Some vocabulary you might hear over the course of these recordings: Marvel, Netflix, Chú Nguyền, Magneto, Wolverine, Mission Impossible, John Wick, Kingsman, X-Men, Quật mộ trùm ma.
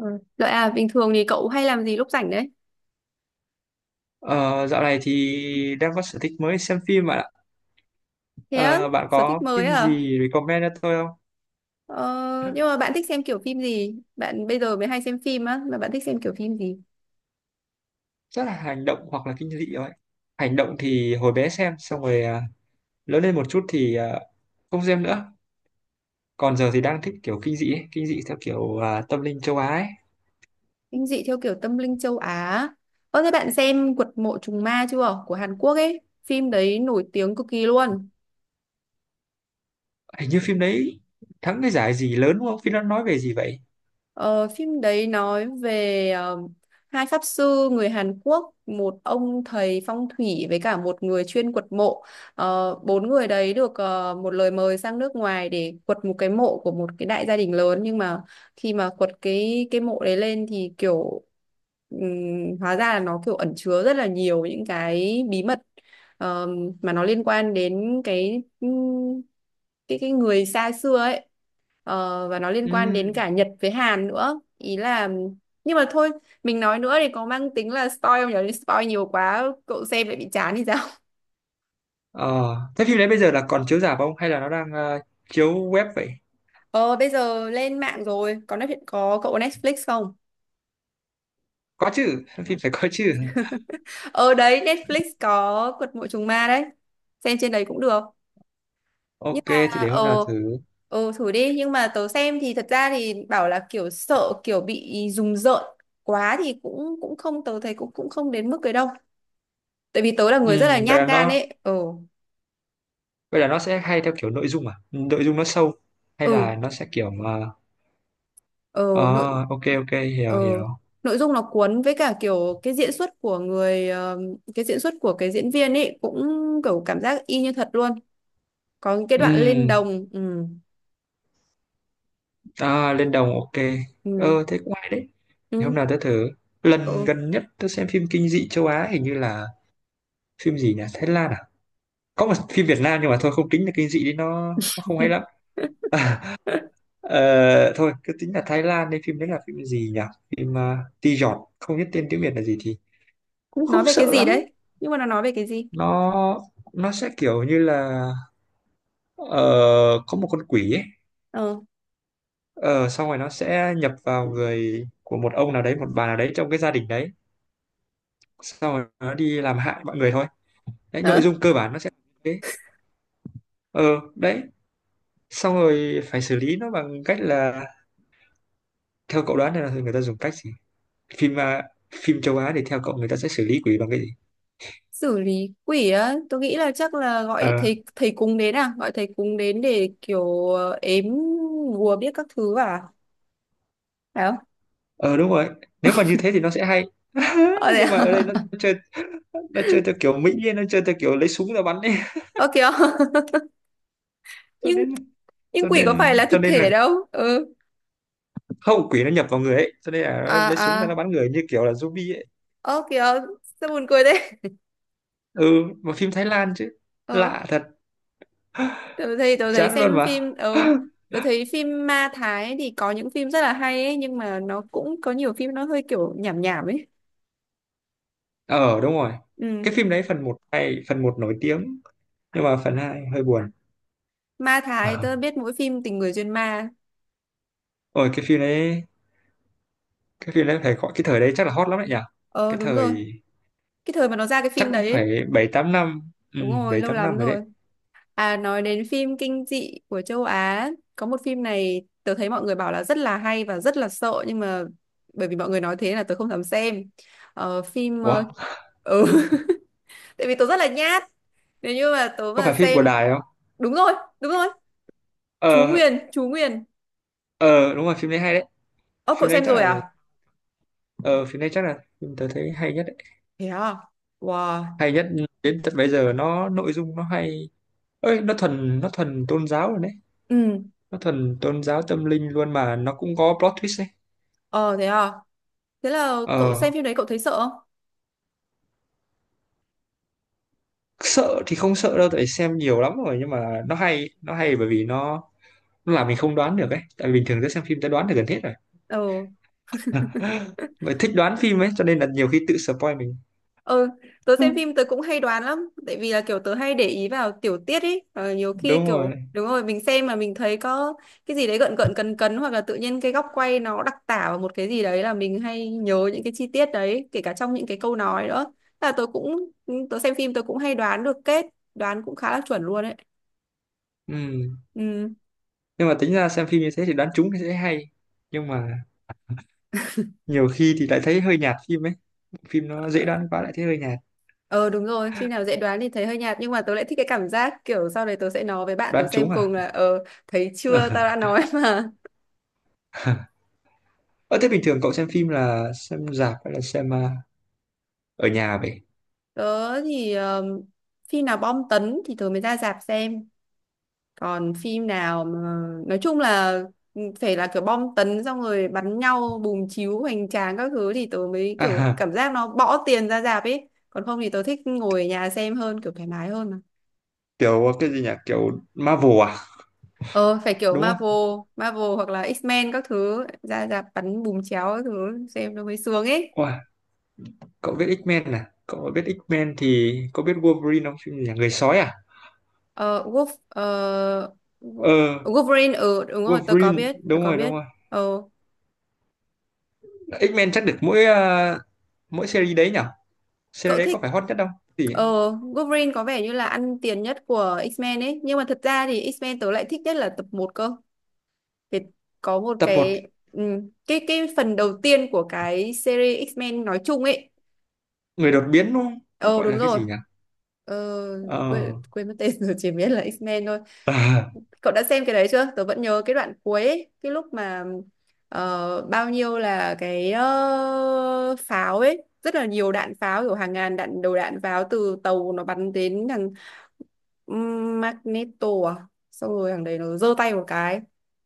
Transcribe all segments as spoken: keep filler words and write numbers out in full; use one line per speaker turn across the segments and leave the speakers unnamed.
Ừ. Lợi à, bình thường thì cậu hay làm gì lúc rảnh đấy?
Ờ, dạo này thì đang có sở thích mới xem phim bạn ạ.
Thế á,
Ờ, bạn
sở thích
có
mới
phim
à?
gì recommend cho tôi không?
Ờ, nhưng mà bạn thích xem kiểu phim gì? Bạn bây giờ mới hay xem phim á, mà bạn thích xem kiểu phim gì?
Rất là hành động hoặc là kinh dị thôi. Hành động thì hồi bé xem, xong rồi à, lớn lên một chút thì à, không xem nữa. Còn giờ thì đang thích kiểu kinh dị ấy. Kinh dị theo kiểu à, tâm linh châu Á ấy.
Kinh dị theo kiểu tâm linh châu Á. Ơ thế bạn xem Quật mộ trùng ma chưa? Của Hàn Quốc ấy. Phim đấy nổi tiếng cực kỳ luôn.
Hình như phim đấy thắng cái giải gì lớn đúng không? Phim nó nói về gì vậy?
Ờ, Phim đấy nói về ờ, hai pháp sư người Hàn Quốc, một ông thầy phong thủy với cả một người chuyên quật mộ. Ờ, bốn người đấy được ờ, một lời mời sang nước ngoài để quật một cái mộ của một cái đại gia đình lớn, nhưng mà khi mà quật cái cái mộ đấy lên thì kiểu ừm, hóa ra là nó kiểu ẩn chứa rất là nhiều những cái bí mật ờ, mà nó liên quan đến cái ừm, cái cái người xa xưa ấy. Ờ, và nó liên quan
Ừ.
đến cả Nhật với Hàn nữa ý là nhưng mà thôi, mình nói nữa thì có mang tính là spoil không nhỉ, spoil nhiều quá cậu xem lại bị chán thì sao.
Ờ, thế phim đấy bây giờ là còn chiếu rạp không? Hay là nó đang à, chiếu web vậy?
ờ Bây giờ lên mạng rồi, có Netflix, có, cậu có Netflix không?
Có chứ, phim phải có chứ.
ờ Đấy, Netflix có Quật Mộ Trùng Ma đấy, xem trên đấy cũng được. Nhưng
Ok,
mà
thì để hôm nào
ờ
thử.
ờ thử đi, nhưng mà tớ xem thì thật ra thì bảo là kiểu sợ kiểu bị rùng rợn quá thì cũng cũng không, tớ thấy cũng cũng không đến mức cái đâu, tại vì tớ là
Ừ,
người rất là
vậy
nhát
là
gan
nó
ấy. Ờ.
vậy là nó sẽ hay theo kiểu nội dung à? Ừ, nội dung nó sâu hay là
Ừ.
nó sẽ kiểu mà
ờ
ờ,
nội
ok ok
ờ
hiểu hiểu.
Nội dung nó cuốn với cả kiểu cái diễn xuất của người ờ, cái diễn xuất của cái diễn viên ấy cũng kiểu cảm giác y như thật luôn, có những cái đoạn lên
Ừ,
đồng. Ừ
à, lên đồng ok.
ừ.
Ờ thế cũng hay đấy. Thì
Ừ.
hôm nào tớ thử, lần
Ừ.
gần nhất tớ xem phim kinh dị châu Á hình như là phim gì nhỉ, Thái Lan à. Có một phim Việt Nam nhưng mà thôi không tính là kinh dị đi, nó nó không hay lắm. Ờ, thôi cứ tính là Thái Lan đi, phim đấy là phim gì nhỉ? Phim uh, Ti Giọt không biết tên tiếng Việt là gì thì cũng không
Nói về cái
sợ
gì
lắm.
đấy, nhưng mà nó nói về cái gì?
Nó nó sẽ kiểu như là ờ, có một con quỷ ấy.
ờ
Ờ, xong rồi nó sẽ nhập vào người của một ông nào đấy, một bà nào đấy trong cái gia đình đấy, xong rồi nó đi làm hại mọi người thôi. Đấy, nội
Hả?
dung cơ bản nó sẽ thế. Ờ đấy, xong rồi phải xử lý nó bằng cách là, theo cậu đoán này, là người ta dùng cách gì? Phim à, phim châu Á thì theo cậu người ta sẽ xử lý quỷ bằng cái gì?
Xử lý quỷ á, tôi nghĩ là chắc là gọi
Ờ,
thầy thầy cúng đến, à gọi thầy cúng đến để kiểu ờ, ếm bùa biết các thứ à, phải không?
ờ đúng rồi. Nếu mà như thế thì nó sẽ hay.
Ờ thế
Nhưng mà
à?
ở đây nó chơi nó chơi theo kiểu Mỹ ấy, nó chơi theo kiểu lấy súng ra bắn ấy,
Ok. Không?
cho
nhưng
nên là,
nhưng
cho
quỷ có phải
nên
là
cho
thực
nên là
thể đâu. Ừ.
hậu quỷ nó nhập vào người ấy, cho nên là
À
nó lấy súng ra nó
à.
bắn người như kiểu là zombie ấy.
Ơ kìa, sao buồn cười thế.
Ừ, mà phim Thái Lan chứ,
Ờ,
lạ thật,
tớ thấy tớ thấy
chán luôn
xem
mà.
phim ờ tớ thấy phim ma Thái thì có những phim rất là hay ấy, nhưng mà nó cũng có nhiều phim nó hơi kiểu nhảm nhảm ấy.
Ờ đúng rồi,
Ừ.
cái phim đấy phần một hay, phần một nổi tiếng, nhưng mà phần hai hơi buồn.
Ma Thái
Ờ.
tớ biết mỗi phim Tình người duyên ma.
Ôi cái phim đấy cái phim đấy phải gọi, cái thời đấy chắc là hot lắm đấy nhỉ.
Ờ
Cái
đúng rồi,
thời,
cái thời mà nó ra cái
chắc
phim
cũng
đấy ấy.
phải bảy tám năm. Ừ,
Đúng rồi,
bảy
lâu
tám năm
lắm
rồi đấy.
rồi. À nói đến phim kinh dị của châu Á, có một phim này tớ thấy mọi người bảo là rất là hay và rất là sợ, nhưng mà bởi vì mọi người nói thế là tớ không dám xem. Ờ, phim ờ,
Ủa,
ừ. Tại vì tớ rất là nhát. Nếu như mà tớ
có
mà
phải phim của
xem
Đài không?
đúng rồi, đúng rồi. Chú
Ờ,
Nguyền, Chú Nguyền.
ờ đúng rồi, phim đấy hay đấy.
Ơ cậu
Phim đấy
xem
chắc
rồi
là
à?
ờ phim đấy chắc là phim tớ thấy hay nhất đấy,
Thế à? Wow.
hay nhất đến tận bây giờ. Nó nội dung nó hay, ơi, nó thuần nó thuần tôn giáo rồi đấy,
Ừ.
nó thuần tôn giáo tâm linh luôn, mà nó cũng có plot twist đấy.
Ờ thế à. Thế là cậu xem
Ờ,
phim đấy cậu thấy sợ không?
sợ thì không sợ đâu, tại xem nhiều lắm rồi, nhưng mà nó hay, nó hay bởi vì nó nó làm mình không đoán được ấy, tại vì bình thường cứ xem phim ta đoán được gần hết rồi.
Ừ.
Bởi thích đoán phim ấy cho nên là nhiều khi tự spoil mình.
Ừ, tớ xem phim tớ cũng hay đoán lắm tại vì là kiểu tớ hay để ý vào tiểu tiết ấy, và nhiều khi
Đúng rồi.
kiểu đúng rồi mình xem mà mình thấy có cái gì đấy gợn gợn cấn cấn, hoặc là tự nhiên cái góc quay nó đặc tả vào một cái gì đấy, là mình hay nhớ những cái chi tiết đấy, kể cả trong những cái câu nói nữa. Thế là tớ cũng ừ, tớ xem phim tớ cũng hay đoán được kết, đoán cũng khá là chuẩn luôn ấy.
Ừ.
Ừ.
Nhưng mà tính ra xem phim như thế thì đoán trúng thì sẽ hay, nhưng mà nhiều khi thì lại thấy hơi nhạt phim ấy, phim nó dễ đoán quá lại thấy hơi nhạt.
Ờ đúng rồi, phim nào dễ đoán thì thấy hơi nhạt, nhưng mà tớ lại thích cái cảm giác kiểu sau đấy tớ sẽ nói với bạn tớ
Đoán trúng
xem
à?
cùng là ờ thấy chưa tao đã nói mà.
Ờ, thế bình thường cậu xem phim là xem rạp hay là xem à, ở nhà vậy?
Tớ thì um, phim nào bom tấn thì tớ mới ra rạp xem. Còn phim nào mà nói chung là ừ, phải là kiểu bom tấn xong rồi bắn nhau bùm chiếu hoành tráng các thứ thì tớ mới
À,
kiểu
ha,
cảm giác nó bỏ tiền ra rạp ấy. Còn không thì tớ thích ngồi ở nhà xem hơn, kiểu thoải mái hơn mà.
kiểu cái gì nhỉ? Kiểu Marvel à?
Ờ phải kiểu
Đúng không?
Marvel, Marvel hoặc là X-Men các thứ ra rạp bắn bùm chéo các thứ xem nó mới sướng ấy.
Wow, cậu biết X-Men à? Cậu biết X-Men thì có biết Wolverine không? Phim gì nhỉ? Người sói à?
Ờ Wolf ờ,
Ờ,
Wolverine ừ đúng rồi tớ có
Wolverine,
biết, tớ
đúng
có
rồi, đúng
biết.
rồi.
Ờ.
X-Men chắc được mỗi à, mỗi series đấy nhỉ? Series
Cậu
đấy
thích
có phải hot nhất không? Thì
ờ Wolverine có vẻ như là ăn tiền nhất của X-Men ấy, nhưng mà thật ra thì X-Men tớ lại thích nhất là tập một cơ. Vì có một
tập một,
cái ừ, cái cái phần đầu tiên của cái series X-Men nói chung ấy.
người đột biến đúng không?
Ờ
Gọi
đúng
là cái
rồi.
gì nhỉ?
ờ,
Ờ,
quên quên mất tên rồi, chỉ biết là X-Men thôi.
à,
Cậu đã xem cái đấy chưa, tớ vẫn nhớ cái đoạn cuối ấy, cái lúc mà ờ, bao nhiêu là cái ờ, pháo ấy, rất là nhiều đạn pháo, kiểu hàng ngàn đạn đầu đạn pháo từ tàu nó bắn đến thằng ừm, Magneto, à xong rồi thằng đấy nó giơ tay một cái,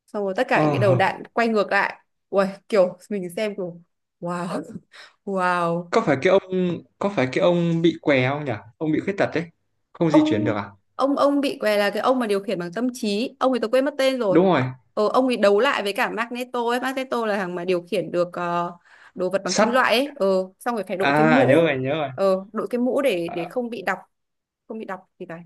xong rồi tất cả những cái đầu
ờ,
đạn quay ngược lại. Uầy, kiểu mình xem kiểu wow. Wow.
có phải cái ông có phải cái ông bị què không nhỉ, ông bị khuyết tật đấy, không di chuyển
ông
được à?
ông ông bị què là cái ông mà điều khiển bằng tâm trí, ông ấy tôi quên mất tên rồi.
Đúng rồi,
Ờ, ông ấy đấu lại với cả Magneto ấy, Magneto là thằng mà điều khiển được ờ, đồ vật bằng kim
sắt.
loại ấy. ờ, Xong rồi phải đội cái
À nhớ
mũ,
rồi, nhớ rồi.
ờ, đội cái mũ để để
Ờ,
không bị đọc, không bị đọc thì phải.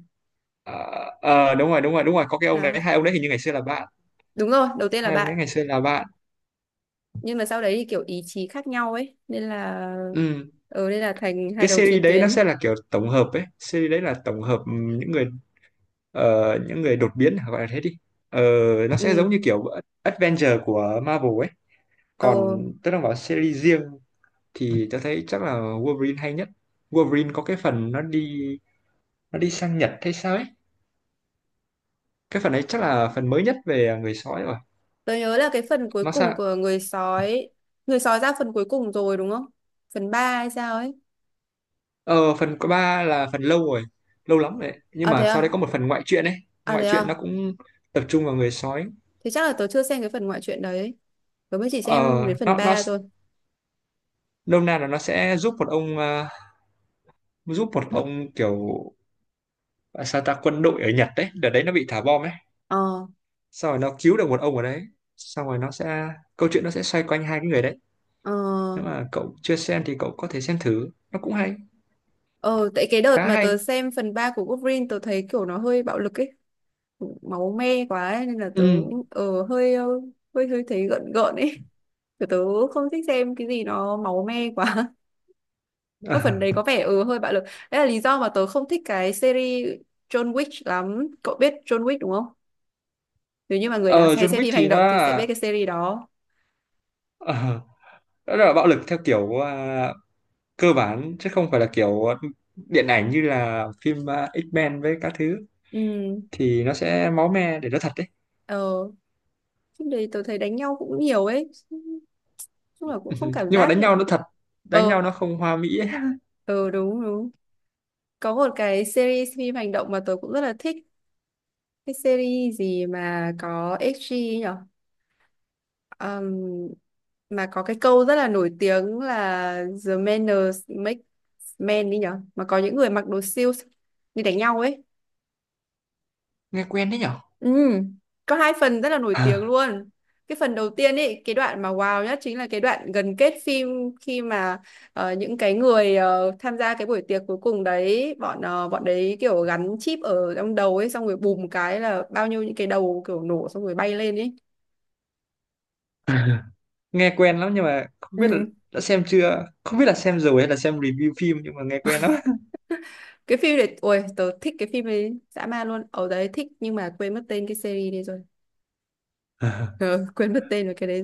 ờ, ờ, đúng rồi, đúng rồi, đúng rồi, có cái ông
Đó
đấy, hai ông đấy hình như ngày xưa là bạn,
đúng rồi, đầu tiên là
hai ông
bạn,
đấy ngày xưa là bạn.
nhưng mà sau đấy thì kiểu ý chí khác nhau ấy nên là
Ừ.
ờ nên là thành hai
Cái
đầu chiến
series đấy nó
tuyến.
sẽ là kiểu tổng hợp ấy, series đấy là tổng hợp ừ, những người ờ, những người đột biến gọi là thế đi. Ờ, nó sẽ giống
Ừ.
như kiểu Adventure của Marvel ấy,
ờ
còn tớ đang bảo series riêng thì tớ thấy chắc là Wolverine hay nhất. Wolverine có cái phần nó đi nó đi sang Nhật hay sao ấy, cái phần ấy chắc là phần mới nhất về người sói rồi.
tôi nhớ là cái phần cuối
Nó
cùng
sao?
của người sói, người sói ra phần cuối cùng rồi đúng không, phần ba hay sao ấy.
Ờ phần, có ba là phần lâu rồi, lâu lắm rồi đấy. Nhưng
À
mà
thế
sau đấy có
à?
một phần ngoại truyện ấy,
À
ngoại
thế
truyện nó
à?
cũng tập trung vào người sói.
Thế chắc là tớ chưa xem cái phần ngoại truyện đấy. Tớ mới chỉ xem
Ờ,
đến phần
nó nó
ba thôi.
nôm na là nó sẽ giúp một ông ờ, giúp một ông kiểu à, sao ta quân đội ở Nhật đấy, đợt đấy nó bị thả bom ấy,
Ờ,
sau rồi nó cứu được một ông ở đấy, xong rồi nó sẽ, câu chuyện nó sẽ xoay quanh hai cái người đấy.
ờ,
Nếu mà cậu chưa xem thì cậu có thể xem thử, nó cũng hay,
ờ, tại cái đợt
khá
mà tớ
hay.
xem phần ba của Wolverine tớ thấy kiểu nó hơi bạo lực ấy. Máu me quá ấy, nên là
Ừ.
tớ cũng ờ, hơi, ờ, hơi hơi thấy gợn gợn ấy. Kiểu tớ không thích xem cái gì nó máu me quá. Cái phần đấy có vẻ ừ hơi bạo lực. Đấy là lý do mà tớ không thích cái series John Wick lắm. Cậu biết John Wick đúng không? Nếu như mà người nào
Ờ,
hay
John
xem
Wick
phim hành
thì nó
động thì sẽ
là
biết cái series đó.
ờ, nó là bạo lực theo kiểu à, cơ bản chứ không phải là kiểu điện ảnh như là phim à, X-Men với các thứ,
Ừ.
thì nó sẽ máu me để nó thật đấy.
Ờ. Trước đây tôi thấy đánh nhau cũng nhiều ấy. Chung là cũng
Ừ,
không cảm
nhưng mà
giác
đánh
được.
nhau nó thật, đánh nhau
Ờ,
nó không hoa mỹ ấy.
ờ đúng đúng. Có một cái series phim hành động mà tôi cũng rất là thích. Cái series gì mà có ích giê nhở. Ừm, mà có cái câu rất là nổi tiếng là The manners make men đi nhở, mà có những người mặc đồ siêu đi đánh nhau ấy.
Nghe quen đấy nhở?
Ừ, có hai phần rất là nổi tiếng
À,
luôn. Cái phần đầu tiên ấy, cái đoạn mà wow nhất chính là cái đoạn gần kết phim, khi mà ờ, những cái người ờ, tham gia cái buổi tiệc cuối cùng đấy, bọn ờ, bọn đấy kiểu gắn chip ở trong đầu ấy, xong rồi bùm cái là bao nhiêu những cái đầu kiểu nổ xong rồi bay lên ấy.
à, nghe quen lắm nhưng mà không biết là
Ừ,
đã xem chưa, không biết là xem rồi hay là xem review phim nhưng mà nghe quen lắm.
cái phim này, ôi, tớ thích cái phim ấy dã man luôn. Ở đấy thích nhưng mà quên mất tên cái series đi rồi.
À,
Ờ, quên mất tên rồi cái đấy,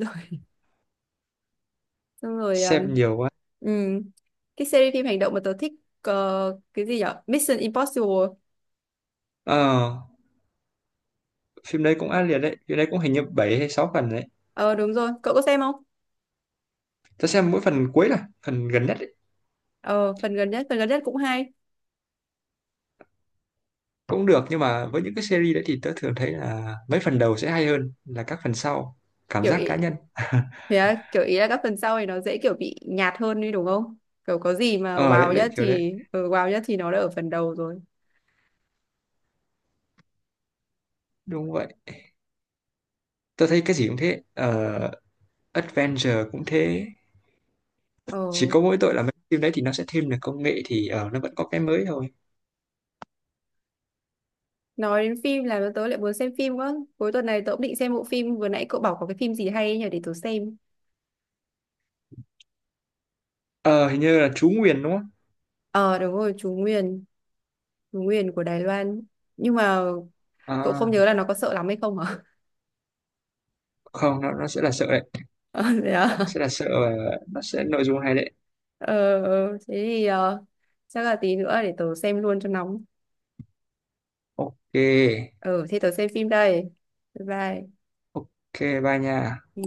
xong rồi
xem
um,
nhiều quá.
ừm, cái series phim hành động mà tớ thích ờ, cái gì nhở Mission Impossible.
Ờ, phim đấy cũng ác liệt đấy, phim đấy cũng hình như bảy hay sáu phần đấy.
Ờ đúng rồi, cậu có xem không?
Tớ xem mỗi phần cuối là phần gần nhất,
ờ Phần gần nhất, phần gần nhất cũng hay.
cũng được, nhưng mà với những cái series đấy thì tớ thường thấy là mấy phần đầu sẽ hay hơn là các phần sau, cảm
Kiểu
giác
ý,
cá nhân.
thế á, kiểu ý là các phần sau thì nó dễ kiểu bị nhạt hơn đi đúng không, kiểu có gì mà
Ờ đấy
wow
đấy,
nhất
kiểu đấy,
thì ừ, wow nhất thì nó đã ở phần đầu rồi.
đúng vậy. Tớ thấy cái gì cũng thế ờ, Adventure cũng thế,
ờ
chỉ có mỗi tội là mấy phim đấy thì nó sẽ thêm được công nghệ thì ờ, nó vẫn có cái mới thôi.
nói đến phim là tớ lại muốn xem phim quá, cuối tuần này tớ cũng định xem bộ phim vừa nãy cậu bảo có cái phim gì hay ấy nhỉ để tớ xem.
Ờ hình như là chú Nguyền đúng không?
Ờ đúng rồi, Chú Nguyền, Chú Nguyền của Đài Loan. Nhưng mà cậu không
À,
nhớ là nó có sợ lắm hay không hả?
không, nó nó sẽ là sợ đấy,
Ờ, thế à?
sẽ là sợ và nó sẽ nội dung hay đấy.
ờ ờ, Thế thì ờ, chắc là tí nữa để tớ xem luôn cho nóng.
Ok.
Ờ thế tớ xem phim đây, bye bye.
Ok bye nha.
Ừ.